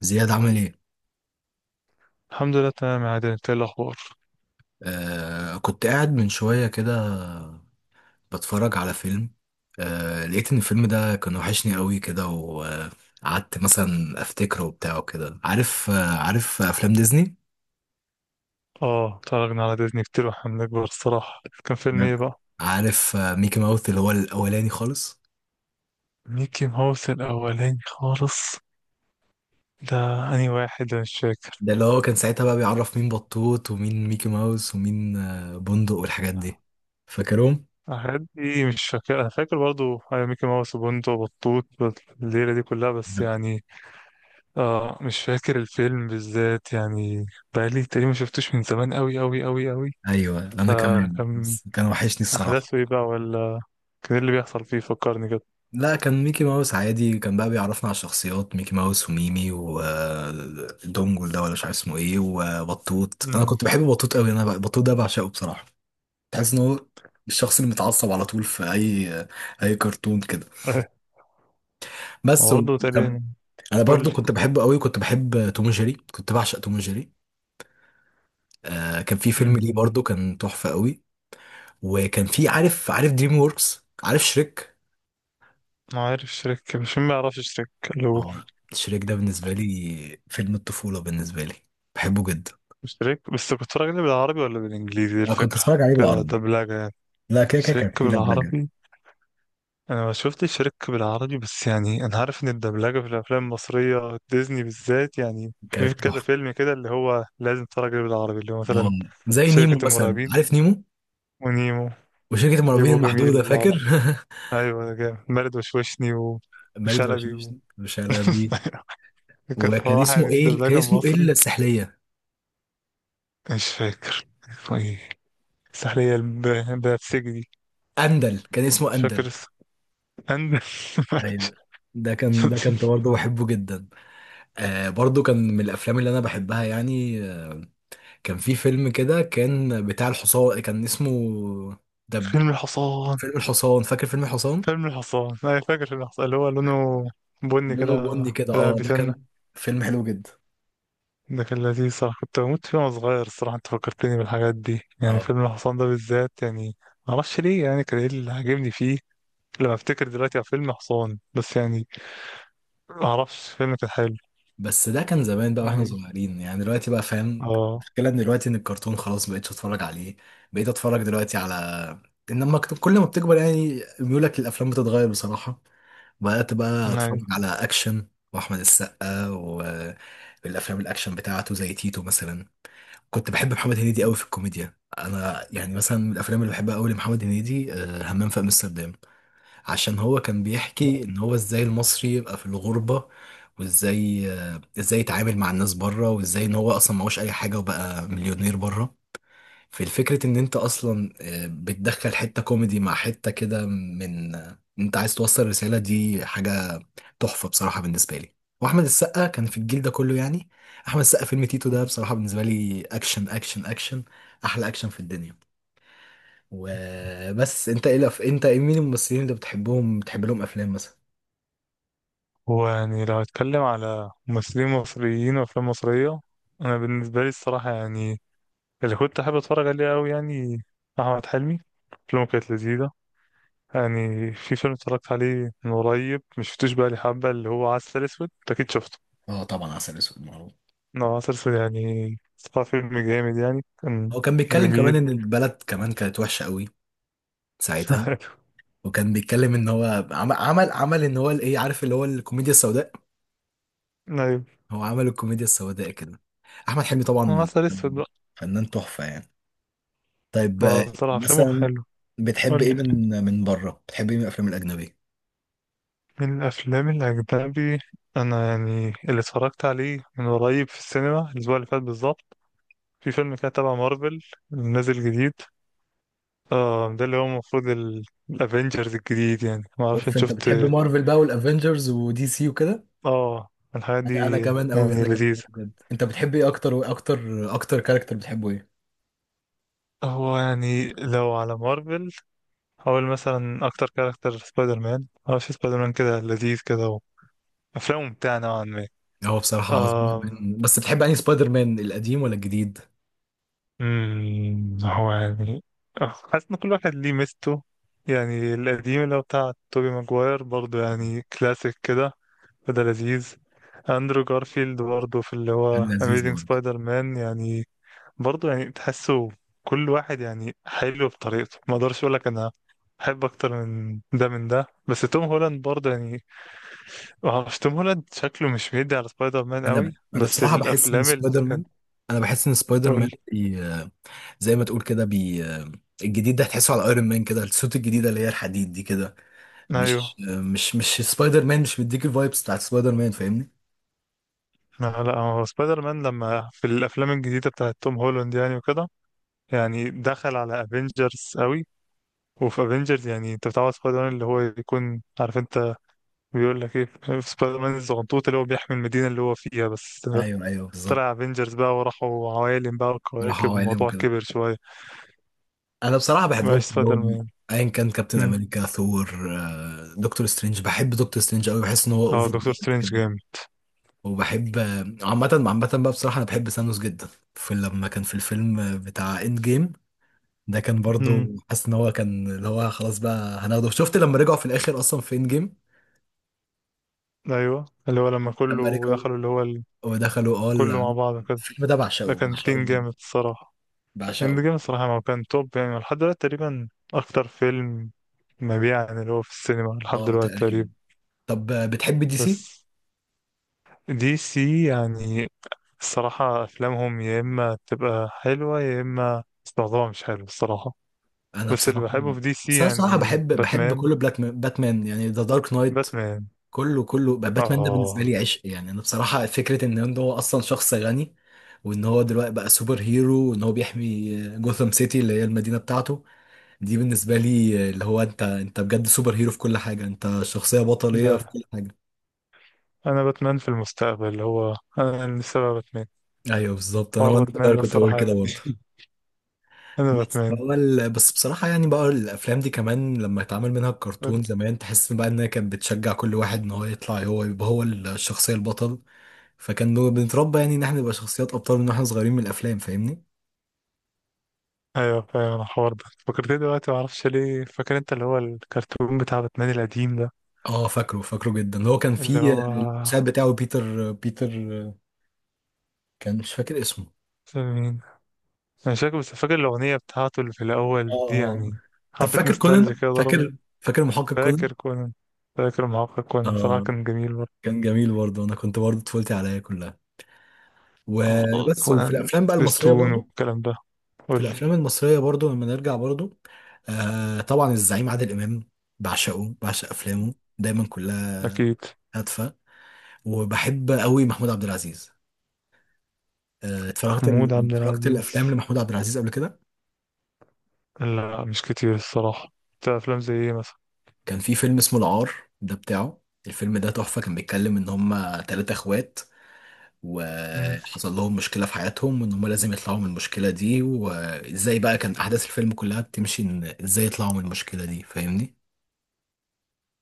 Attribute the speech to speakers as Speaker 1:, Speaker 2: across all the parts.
Speaker 1: زياد عمل ايه؟
Speaker 2: الحمد لله تمام يا عادل، انت ايه الاخبار؟
Speaker 1: كنت قاعد من شوية كده، بتفرج على فيلم. لقيت ان الفيلم ده كان وحشني قوي كده، وقعدت مثلا افتكره وبتاع، وكده عارف افلام ديزني.
Speaker 2: اه، اتفرجنا على ديزني كتير واحنا بنكبر الصراحه. كان فيلم
Speaker 1: نعم.
Speaker 2: ايه بقى؟
Speaker 1: عارف ميكي ماوث اللي هو الاولاني خالص.
Speaker 2: ميكي ماوس الاولاني خالص ده. انهي واحد؟ انا مش فاكر.
Speaker 1: ده اللي هو كان ساعتها بقى بيعرف مين بطوط ومين ميكي ماوس ومين بندق والحاجات دي، فاكرهم.
Speaker 2: حاجات دي مش فاكر، انا فاكر برضو ايوه ميكي ماوس وبنته وبطوط الليله دي كلها بس
Speaker 1: نعم.
Speaker 2: يعني. آه، مش فاكر الفيلم بالذات يعني. بقالي تقريبا ما شفتوش من زمان قوي قوي قوي قوي.
Speaker 1: ايوه، انا كمان،
Speaker 2: فكان
Speaker 1: بس كان وحشني الصراحة.
Speaker 2: احداثه ايه بقى، ولا كان ايه اللي بيحصل فيه؟ فكرني كده.
Speaker 1: لا، كان ميكي ماوس عادي، كان بقى بيعرفنا على الشخصيات، ميكي ماوس وميمي ودونجل ده، ولا مش عارف اسمه ايه، وبطوط، انا
Speaker 2: امم
Speaker 1: كنت بحب بطوط قوي، بطوط ده بعشقه بصراحه. تحس ان هو الشخص اللي متعصب على طول في اي كرتون كده. بس
Speaker 2: برضه
Speaker 1: وكان،
Speaker 2: تقريبا.
Speaker 1: انا
Speaker 2: قول
Speaker 1: برضو كنت بحبه قوي، كنت بحب توم وجيري، كنت بعشق توم وجيري. آه كان في فيلم ليه
Speaker 2: لي.
Speaker 1: برضو كان تحفه قوي. وكان في، عارف دريم ووركس، عارف شريك.
Speaker 2: ما عارف شريك، مش مين ما يعرفش شريك؟ الو.
Speaker 1: اه، شريك ده بالنسبه لي فيلم الطفوله بالنسبه لي، بحبه جدا.
Speaker 2: شريك، بس كنت بتفرج عليه بالعربي ولا بالانجليزي؟ دي
Speaker 1: أنا كنت
Speaker 2: الفكرة.
Speaker 1: أتفرج عليه بالعربي.
Speaker 2: كدبلجة يعني.
Speaker 1: لا، كده كده كانت
Speaker 2: شريك
Speaker 1: فيه دبلجة،
Speaker 2: بالعربي. انا ما شفتش شريك بالعربي، بس يعني انا عارف ان الدبلجة في الافلام المصرية ديزني بالذات، يعني
Speaker 1: كانت
Speaker 2: في كذا
Speaker 1: تحفة،
Speaker 2: فيلم كده اللي هو لازم تتفرج عليه بالعربي، اللي هو
Speaker 1: آه،
Speaker 2: مثلا
Speaker 1: زي نيمو
Speaker 2: شركة
Speaker 1: مثلا،
Speaker 2: المرعبين
Speaker 1: عارف نيمو،
Speaker 2: ونيمو.
Speaker 1: وشركة المرعبين
Speaker 2: نيمو جميل
Speaker 1: المحدودة، فاكر؟
Speaker 2: بالعربي. ايوه، ده جامد، مارد وشوشني
Speaker 1: المريض
Speaker 2: وشلبي
Speaker 1: والشرير، وشلبي.
Speaker 2: كانت
Speaker 1: وكان
Speaker 2: صراحة يعني
Speaker 1: اسمه ايه،
Speaker 2: الدبلجة المصري.
Speaker 1: السحلية؟
Speaker 2: مش فاكر اسمه ايه. السحلية بتاعت السجن دي.
Speaker 1: أندل، كان اسمه
Speaker 2: مش فاكر
Speaker 1: أندل.
Speaker 2: عند.
Speaker 1: أيوه، ده كنت برضه بحبه جدا، آه برضه كان من الأفلام اللي أنا بحبها يعني. كان في فيلم كده كان بتاع الحصان، كان اسمه ده،
Speaker 2: فيلم الحصان.
Speaker 1: فيلم الحصان، فاكر فيلم الحصان؟
Speaker 2: فيلم الحصان أنا فاكر. فيلم الحصان اللي هو لونه بني
Speaker 1: لونه
Speaker 2: كده،
Speaker 1: بني كده،
Speaker 2: كده
Speaker 1: اه ده كان
Speaker 2: بيسنة.
Speaker 1: فيلم حلو جدا.
Speaker 2: ده كان لذيذ صراحة، كنت بموت فيه وأنا صغير الصراحة. أنت فكرتني بالحاجات دي يعني.
Speaker 1: اه،
Speaker 2: فيلم الحصان ده بالذات يعني معرفش ليه، يعني كان إيه اللي عاجبني فيه. لما أفتكر دلوقتي على فيلم حصان بس يعني معرفش. فيلم كان حلو.
Speaker 1: بس ده كان زمان بقى واحنا صغيرين يعني، دلوقتي بقى فاهم
Speaker 2: اه.
Speaker 1: المشكله ان دلوقتي ان الكرتون خلاص مبقتش اتفرج عليه، بقيت اتفرج دلوقتي على، انما كل ما بتكبر يعني ميولك للافلام بتتغير بصراحه، بقيت بقى
Speaker 2: أيوه.
Speaker 1: اتفرج على اكشن، واحمد السقا والافلام الاكشن بتاعته زي تيتو مثلا. كنت بحب محمد هنيدي قوي في الكوميديا، انا يعني مثلا من الافلام اللي بحبها قوي لمحمد هنيدي، همام في امستردام، عشان هو كان بيحكي ان هو ازاي المصري يبقى في الغربة، وازاي آه، ازاي يتعامل مع الناس بره، وازاي ان هو اصلا معهوش اي حاجة وبقى مليونير بره. فالفكرة ان انت اصلا بتدخل حتة كوميدي مع حتة كده، من آه، انت عايز توصل رسالة، دي حاجة تحفة بصراحة بالنسبة لي. واحمد السقا كان في الجيل ده كله يعني، احمد السقا فيلم تيتو ده بصراحة بالنسبة لي اكشن اكشن اكشن، احلى اكشن في الدنيا. وبس، انت ايه الأف- انت إيه- مين الممثلين اللي بتحبهم، بتحب لهم افلام مثلا؟
Speaker 2: هو يعني لو هتكلم على ممثلين مصريين وأفلام مصرية، أنا بالنسبة لي الصراحة يعني اللي كنت أحب أتفرج عليه أوي يعني أحمد حلمي. أفلامه كانت لذيذة يعني. في فيلم اتفرجت عليه من قريب، مشفتوش بقى لي حبة، اللي هو عسل أسود. أنت أكيد شفته.
Speaker 1: اه طبعا، عسل اسود معروف.
Speaker 2: هو عسل أسود يعني صراحة فيلم جامد يعني. كان
Speaker 1: هو كان بيتكلم كمان
Speaker 2: جميل.
Speaker 1: ان البلد كمان كانت وحشه قوي ساعتها، وكان بيتكلم ان هو عمل ان هو الايه، عارف اللي هو الكوميديا السوداء،
Speaker 2: أيوة.
Speaker 1: هو عمل الكوميديا السوداء كده، احمد حلمي
Speaker 2: هو
Speaker 1: طبعا
Speaker 2: عسل أسود بقى.
Speaker 1: فنان تحفة يعني. طيب،
Speaker 2: هو صراحة أفلامه
Speaker 1: مثلا
Speaker 2: حلو.
Speaker 1: بتحب ايه من بره، بتحب ايه من الافلام الاجنبيه؟
Speaker 2: من الأفلام الأجنبي، أنا يعني اللي اتفرجت عليه من قريب في السينما الأسبوع اللي فات بالظبط، في فيلم كده تبع مارفل نازل جديد. آه، ده اللي هو المفروض الأفينجرز الجديد. يعني معرفش
Speaker 1: اوف،
Speaker 2: أنت
Speaker 1: انت
Speaker 2: شفت.
Speaker 1: بتحب مارفل بقى والافنجرز ودي سي وكده،
Speaker 2: آه، الحاجات
Speaker 1: أنا
Speaker 2: دي.
Speaker 1: كمان قوي،
Speaker 2: يعني
Speaker 1: انا كمان أوي
Speaker 2: لذيذة.
Speaker 1: بجد. انت بتحب ايه اكتر، واكتر اكتر كاركتر بتحبه ايه؟
Speaker 2: هو يعني لو على مارفل، هقول مثلا أكتر كاركتر سبايدر مان. معرفش، سبايدر مان كده لذيذ كده وأفلامه ممتعة نوعا ما.
Speaker 1: هو بصراحة هو سبايدر
Speaker 2: آه.
Speaker 1: مان، بس بتحب أنهي سبايدر مان، القديم ولا الجديد؟
Speaker 2: هو يعني، آه، حاسس ان كل واحد ليه ميزته. يعني القديم اللي هو بتاع توبي ماجواير برضه يعني كلاسيك كده، فده لذيذ. اندرو جارفيلد برضه في اللي هو
Speaker 1: كان لذيذ
Speaker 2: اميزing
Speaker 1: برضه.
Speaker 2: سبايدر مان يعني. برضه يعني تحسه كل واحد يعني حلو بطريقته. ما اقدرش اقول لك انا بحب اكتر من ده من ده، بس توم هولاند برضه يعني ما اعرفش، توم هولاند شكله مش بيدي على سبايدر مان قوي،
Speaker 1: أنا
Speaker 2: بس
Speaker 1: بصراحة بحس إن
Speaker 2: الافلام اللي
Speaker 1: سبايدر
Speaker 2: كان.
Speaker 1: مان، أنا بحس إن سبايدر مان،
Speaker 2: قول.
Speaker 1: بي... آه، زي ما تقول كده، بي... آه، الجديد ده هتحسه على ايرون مان كده، السوت الجديدة اللي هي الحديد دي كده،
Speaker 2: ايوه.
Speaker 1: مش سبايدر مان، مش مديك الفايبس بتاعت سبايدر مان، فاهمني؟
Speaker 2: آه، لا، هو سبايدر مان لما في الافلام الجديده بتاعت توم هولاند يعني وكده، يعني دخل على افنجرز قوي. وفي افنجرز يعني انت بتعوز سبايدر مان اللي هو يكون عارف انت بيقول لك ايه، في سبايدر مان الزغنطوط اللي هو بيحمي المدينه اللي هو فيها بس.
Speaker 1: أيوه، أيوه، بالظبط.
Speaker 2: طلع افنجرز بقى وراحوا عوالم بقى
Speaker 1: بصراحة
Speaker 2: وكواكب
Speaker 1: هو عالم
Speaker 2: والموضوع
Speaker 1: وكده،
Speaker 2: كبر شويه.
Speaker 1: أنا بصراحة بحبهم
Speaker 2: مبقاش سبايدر
Speaker 1: كلهم،
Speaker 2: مان.
Speaker 1: ايا كان كابتن
Speaker 2: مم.
Speaker 1: امريكا، ثور، دكتور سترينج، بحب دكتور سترينج قوي، بحس ان هو
Speaker 2: اه،
Speaker 1: اوفر،
Speaker 2: دكتور سترينج جامد.
Speaker 1: وبحب، عامة عامة بقى بصراحة أنا بحب سانوس جدا، في لما كان في الفيلم بتاع إند جيم، ده كان برضو
Speaker 2: مم.
Speaker 1: حاسس إن هو كان اللي هو خلاص بقى هناخده، شفت لما رجعوا في الآخر أصلا في إند جيم،
Speaker 2: ايوه، اللي هو لما
Speaker 1: لما
Speaker 2: كله
Speaker 1: رجعوا
Speaker 2: دخلوا
Speaker 1: ودخلوا،
Speaker 2: كله مع بعض كده.
Speaker 1: الفيلم ده
Speaker 2: ده
Speaker 1: بعشقه
Speaker 2: كان
Speaker 1: بعشقه
Speaker 2: تين
Speaker 1: بجد،
Speaker 2: جامد الصراحه. اند
Speaker 1: بعشقه،
Speaker 2: جيم الصراحة ما كان توب يعني لحد دلوقتي تقريبا، أكتر فيلم مبيعا اللي هو في السينما لحد
Speaker 1: اه
Speaker 2: دلوقتي
Speaker 1: تقريبا.
Speaker 2: تقريبا.
Speaker 1: طب، بتحب دي سي؟
Speaker 2: بس دي سي يعني الصراحة أفلامهم يا إما تبقى حلوة يا إما استخدامها مش حلو الصراحة.
Speaker 1: أنا
Speaker 2: بس اللي
Speaker 1: بصراحة
Speaker 2: بحبه في دي سي
Speaker 1: بس أنا بصراحة
Speaker 2: يعني
Speaker 1: بحب
Speaker 2: باتمان.
Speaker 1: كل بلاك مان، باتمان يعني ذا دارك نايت،
Speaker 2: باتمان.
Speaker 1: كله كله بقى، باتمان ده بالنسبه
Speaker 2: آه.
Speaker 1: لي عشق، يعني انا بصراحه فكره ان إن هو اصلا شخص غني، وان هو دلوقتي بقى سوبر هيرو، وان هو بيحمي جوثام سيتي اللي هي المدينه بتاعته، دي بالنسبه لي، اللي هو انت بجد سوبر هيرو في كل حاجه، انت شخصيه بطليه
Speaker 2: ده
Speaker 1: في كل حاجه.
Speaker 2: أنا باتمان في المستقبل، اللي هو أنا اللي سبب باتمان.
Speaker 1: ايوه بالظبط، انا
Speaker 2: حوار
Speaker 1: وانا
Speaker 2: باتمان
Speaker 1: صغير
Speaker 2: ده
Speaker 1: كنت بقول
Speaker 2: الصراحة
Speaker 1: كده برضه.
Speaker 2: يعني. أنا باتمان.
Speaker 1: بس بصراحة يعني بقى الأفلام دي كمان لما اتعمل منها الكرتون زمان، تحس بقى إنها كانت بتشجع كل واحد إن هو يطلع هو يبقى هو الشخصية البطل، فكان بنتربى يعني ان احنا نبقى شخصيات ابطال من واحنا صغيرين من الافلام، فاهمني؟
Speaker 2: ايوه فاهم. انا الحوار ده فكرتني دلوقتي، ما اعرفش ليه فاكر انت، اللي هو الكرتون بتاع باتمان القديم ده.
Speaker 1: اه، فاكره فاكره جدا، هو كان
Speaker 2: اللي
Speaker 1: في
Speaker 2: هو
Speaker 1: المساعد بتاعه بيتر، كان مش فاكر اسمه.
Speaker 2: اسمه مين؟ انا مش فاكر، بس فاكر الاغنيه بتاعته اللي في الاول
Speaker 1: اه،
Speaker 2: دي
Speaker 1: اه.
Speaker 2: يعني.
Speaker 1: طب
Speaker 2: حبه
Speaker 1: فاكر
Speaker 2: نوستالجيا
Speaker 1: كونان،
Speaker 2: كده ضربت.
Speaker 1: فاكر محقق كونان؟
Speaker 2: فاكر كونان. فاكر معاق كونان، بصراحه
Speaker 1: اه
Speaker 2: كان جميل برضه.
Speaker 1: كان جميل برضه، انا كنت برضه طفولتي عليا كلها،
Speaker 2: آه،
Speaker 1: وبس، وفي
Speaker 2: كونان
Speaker 1: الافلام بقى المصريه
Speaker 2: سبيستون
Speaker 1: برضه،
Speaker 2: والكلام ده.
Speaker 1: في
Speaker 2: قول لي.
Speaker 1: الافلام المصريه برضه لما نرجع برضه، آه طبعا، الزعيم عادل امام، بعشقه، بعشق افلامه دايما كلها،
Speaker 2: اكيد.
Speaker 1: هادفه، وبحب قوي محمود عبد العزيز، اتفرجت
Speaker 2: محمود عبد
Speaker 1: اتفرجت
Speaker 2: العزيز؟
Speaker 1: الافلام لمحمود عبد العزيز قبل كده؟
Speaker 2: لا، مش كتير الصراحه. انت افلام زي ايه مثلا؟
Speaker 1: كان في فيلم اسمه العار، ده بتاعه، الفيلم ده تحفة، كان بيتكلم ان هما تلاتة اخوات،
Speaker 2: مم.
Speaker 1: وحصل لهم مشكلة في حياتهم، وان هما لازم يطلعوا من المشكلة دي، وازاي بقى كان احداث الفيلم كلها بتمشي ان ازاي يطلعوا من المشكلة دي، فاهمني؟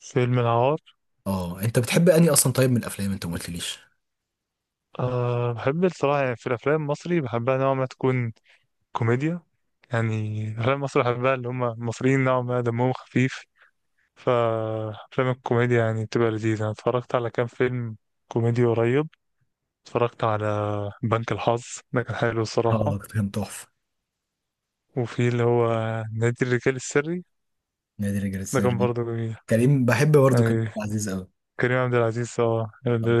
Speaker 2: فيلم العار.
Speaker 1: اه انت بتحب انهي اصلا؟ طيب، من الافلام انت ما قلتليش.
Speaker 2: أه، بحب الصراحة يعني في الأفلام المصري بحبها نوع ما تكون كوميديا يعني. أفلام مصر بحبها، اللي هم المصريين نوعا ما دمهم خفيف، فأفلام الكوميديا يعني بتبقى لذيذة. أنا اتفرجت على كام فيلم كوميدي قريب. اتفرجت على بنك الحظ، ده كان حلو الصراحة.
Speaker 1: اه كان تحفة.
Speaker 2: وفي اللي هو نادي الرجال السري،
Speaker 1: نادي رجال
Speaker 2: ده كان
Speaker 1: السري.
Speaker 2: برضه جميل
Speaker 1: كريم، بحب برضه كريم
Speaker 2: يعني.
Speaker 1: عبد العزيز قوي،
Speaker 2: كريم عبد العزيز اه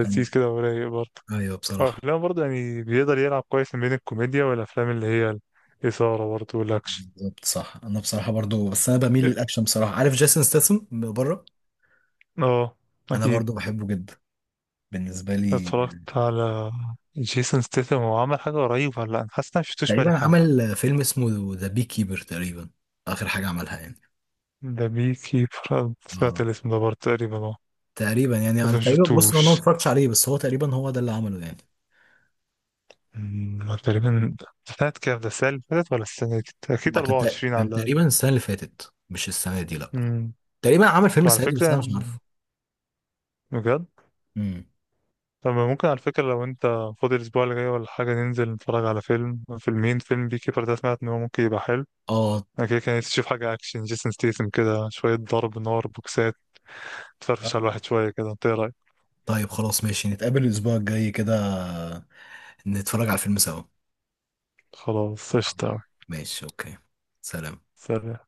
Speaker 1: كان،
Speaker 2: كده ورايق برضه.
Speaker 1: ايوه بصراحة،
Speaker 2: وأفلام برضه يعني بيقدر يلعب كويس ما بين الكوميديا والأفلام اللي هي الإثارة برضه والأكشن.
Speaker 1: بالظبط صح، انا بصراحه برضو، بس انا بميل للاكشن بصراحه، عارف جيسون ستاثام من بره؟
Speaker 2: اه.
Speaker 1: انا
Speaker 2: أكيد.
Speaker 1: برضو بحبه جدا، بالنسبه لي.
Speaker 2: اتفرجت على جيسون ستيثم. هو عمل حاجة قريب ولا لأ؟ أنا حاسس إن أنا مشفتوش بقالي
Speaker 1: تقريبا
Speaker 2: حبة.
Speaker 1: عمل فيلم اسمه ذا بي كيبر، تقريبا اخر حاجه عملها يعني.
Speaker 2: ده بي كيبر، سمعت
Speaker 1: اه
Speaker 2: الاسم ده برضه تقريبا. اه.
Speaker 1: تقريبا يعني،
Speaker 2: بس
Speaker 1: انا تقريبا بص، انا ما
Speaker 2: مشفتوش.
Speaker 1: اتفرجتش عليه بس هو تقريبا هو ده اللي عمله يعني.
Speaker 2: تقريبا. سنة كام ده، السنة اللي فاتت ولا السنة أكيد
Speaker 1: لا،
Speaker 2: أربعة وعشرين على
Speaker 1: كان
Speaker 2: الأقل.
Speaker 1: تقريبا السنه اللي فاتت مش السنه دي، لا،
Speaker 2: أمم،
Speaker 1: تقريبا عمل فيلم
Speaker 2: طب على
Speaker 1: السنه دي
Speaker 2: فكرة
Speaker 1: بس انا مش
Speaker 2: يعني
Speaker 1: عارفه.
Speaker 2: بجد.
Speaker 1: امم.
Speaker 2: طب ممكن على فكرة لو أنت فاضي الأسبوع اللي جاي ولا حاجة، ننزل نتفرج على فيلم، فيلمين. فيلم بي كيبر ده سمعت إن هو ممكن يبقى حلو.
Speaker 1: اه.
Speaker 2: أنا كده كان نفسي أشوف حاجة أكشن، جيسون ستيثم كده شوية ضرب نار بوكسات، تفرفش على
Speaker 1: طيب،
Speaker 2: الواحد شوية كده. أنت إيه رأيك؟
Speaker 1: طيب خلاص ماشي، نتقابل الاسبوع الجاي كده، نتفرج على الفيلم سوا،
Speaker 2: خلاص اشتاق.
Speaker 1: ماشي، اوكي. سلام.
Speaker 2: سلام.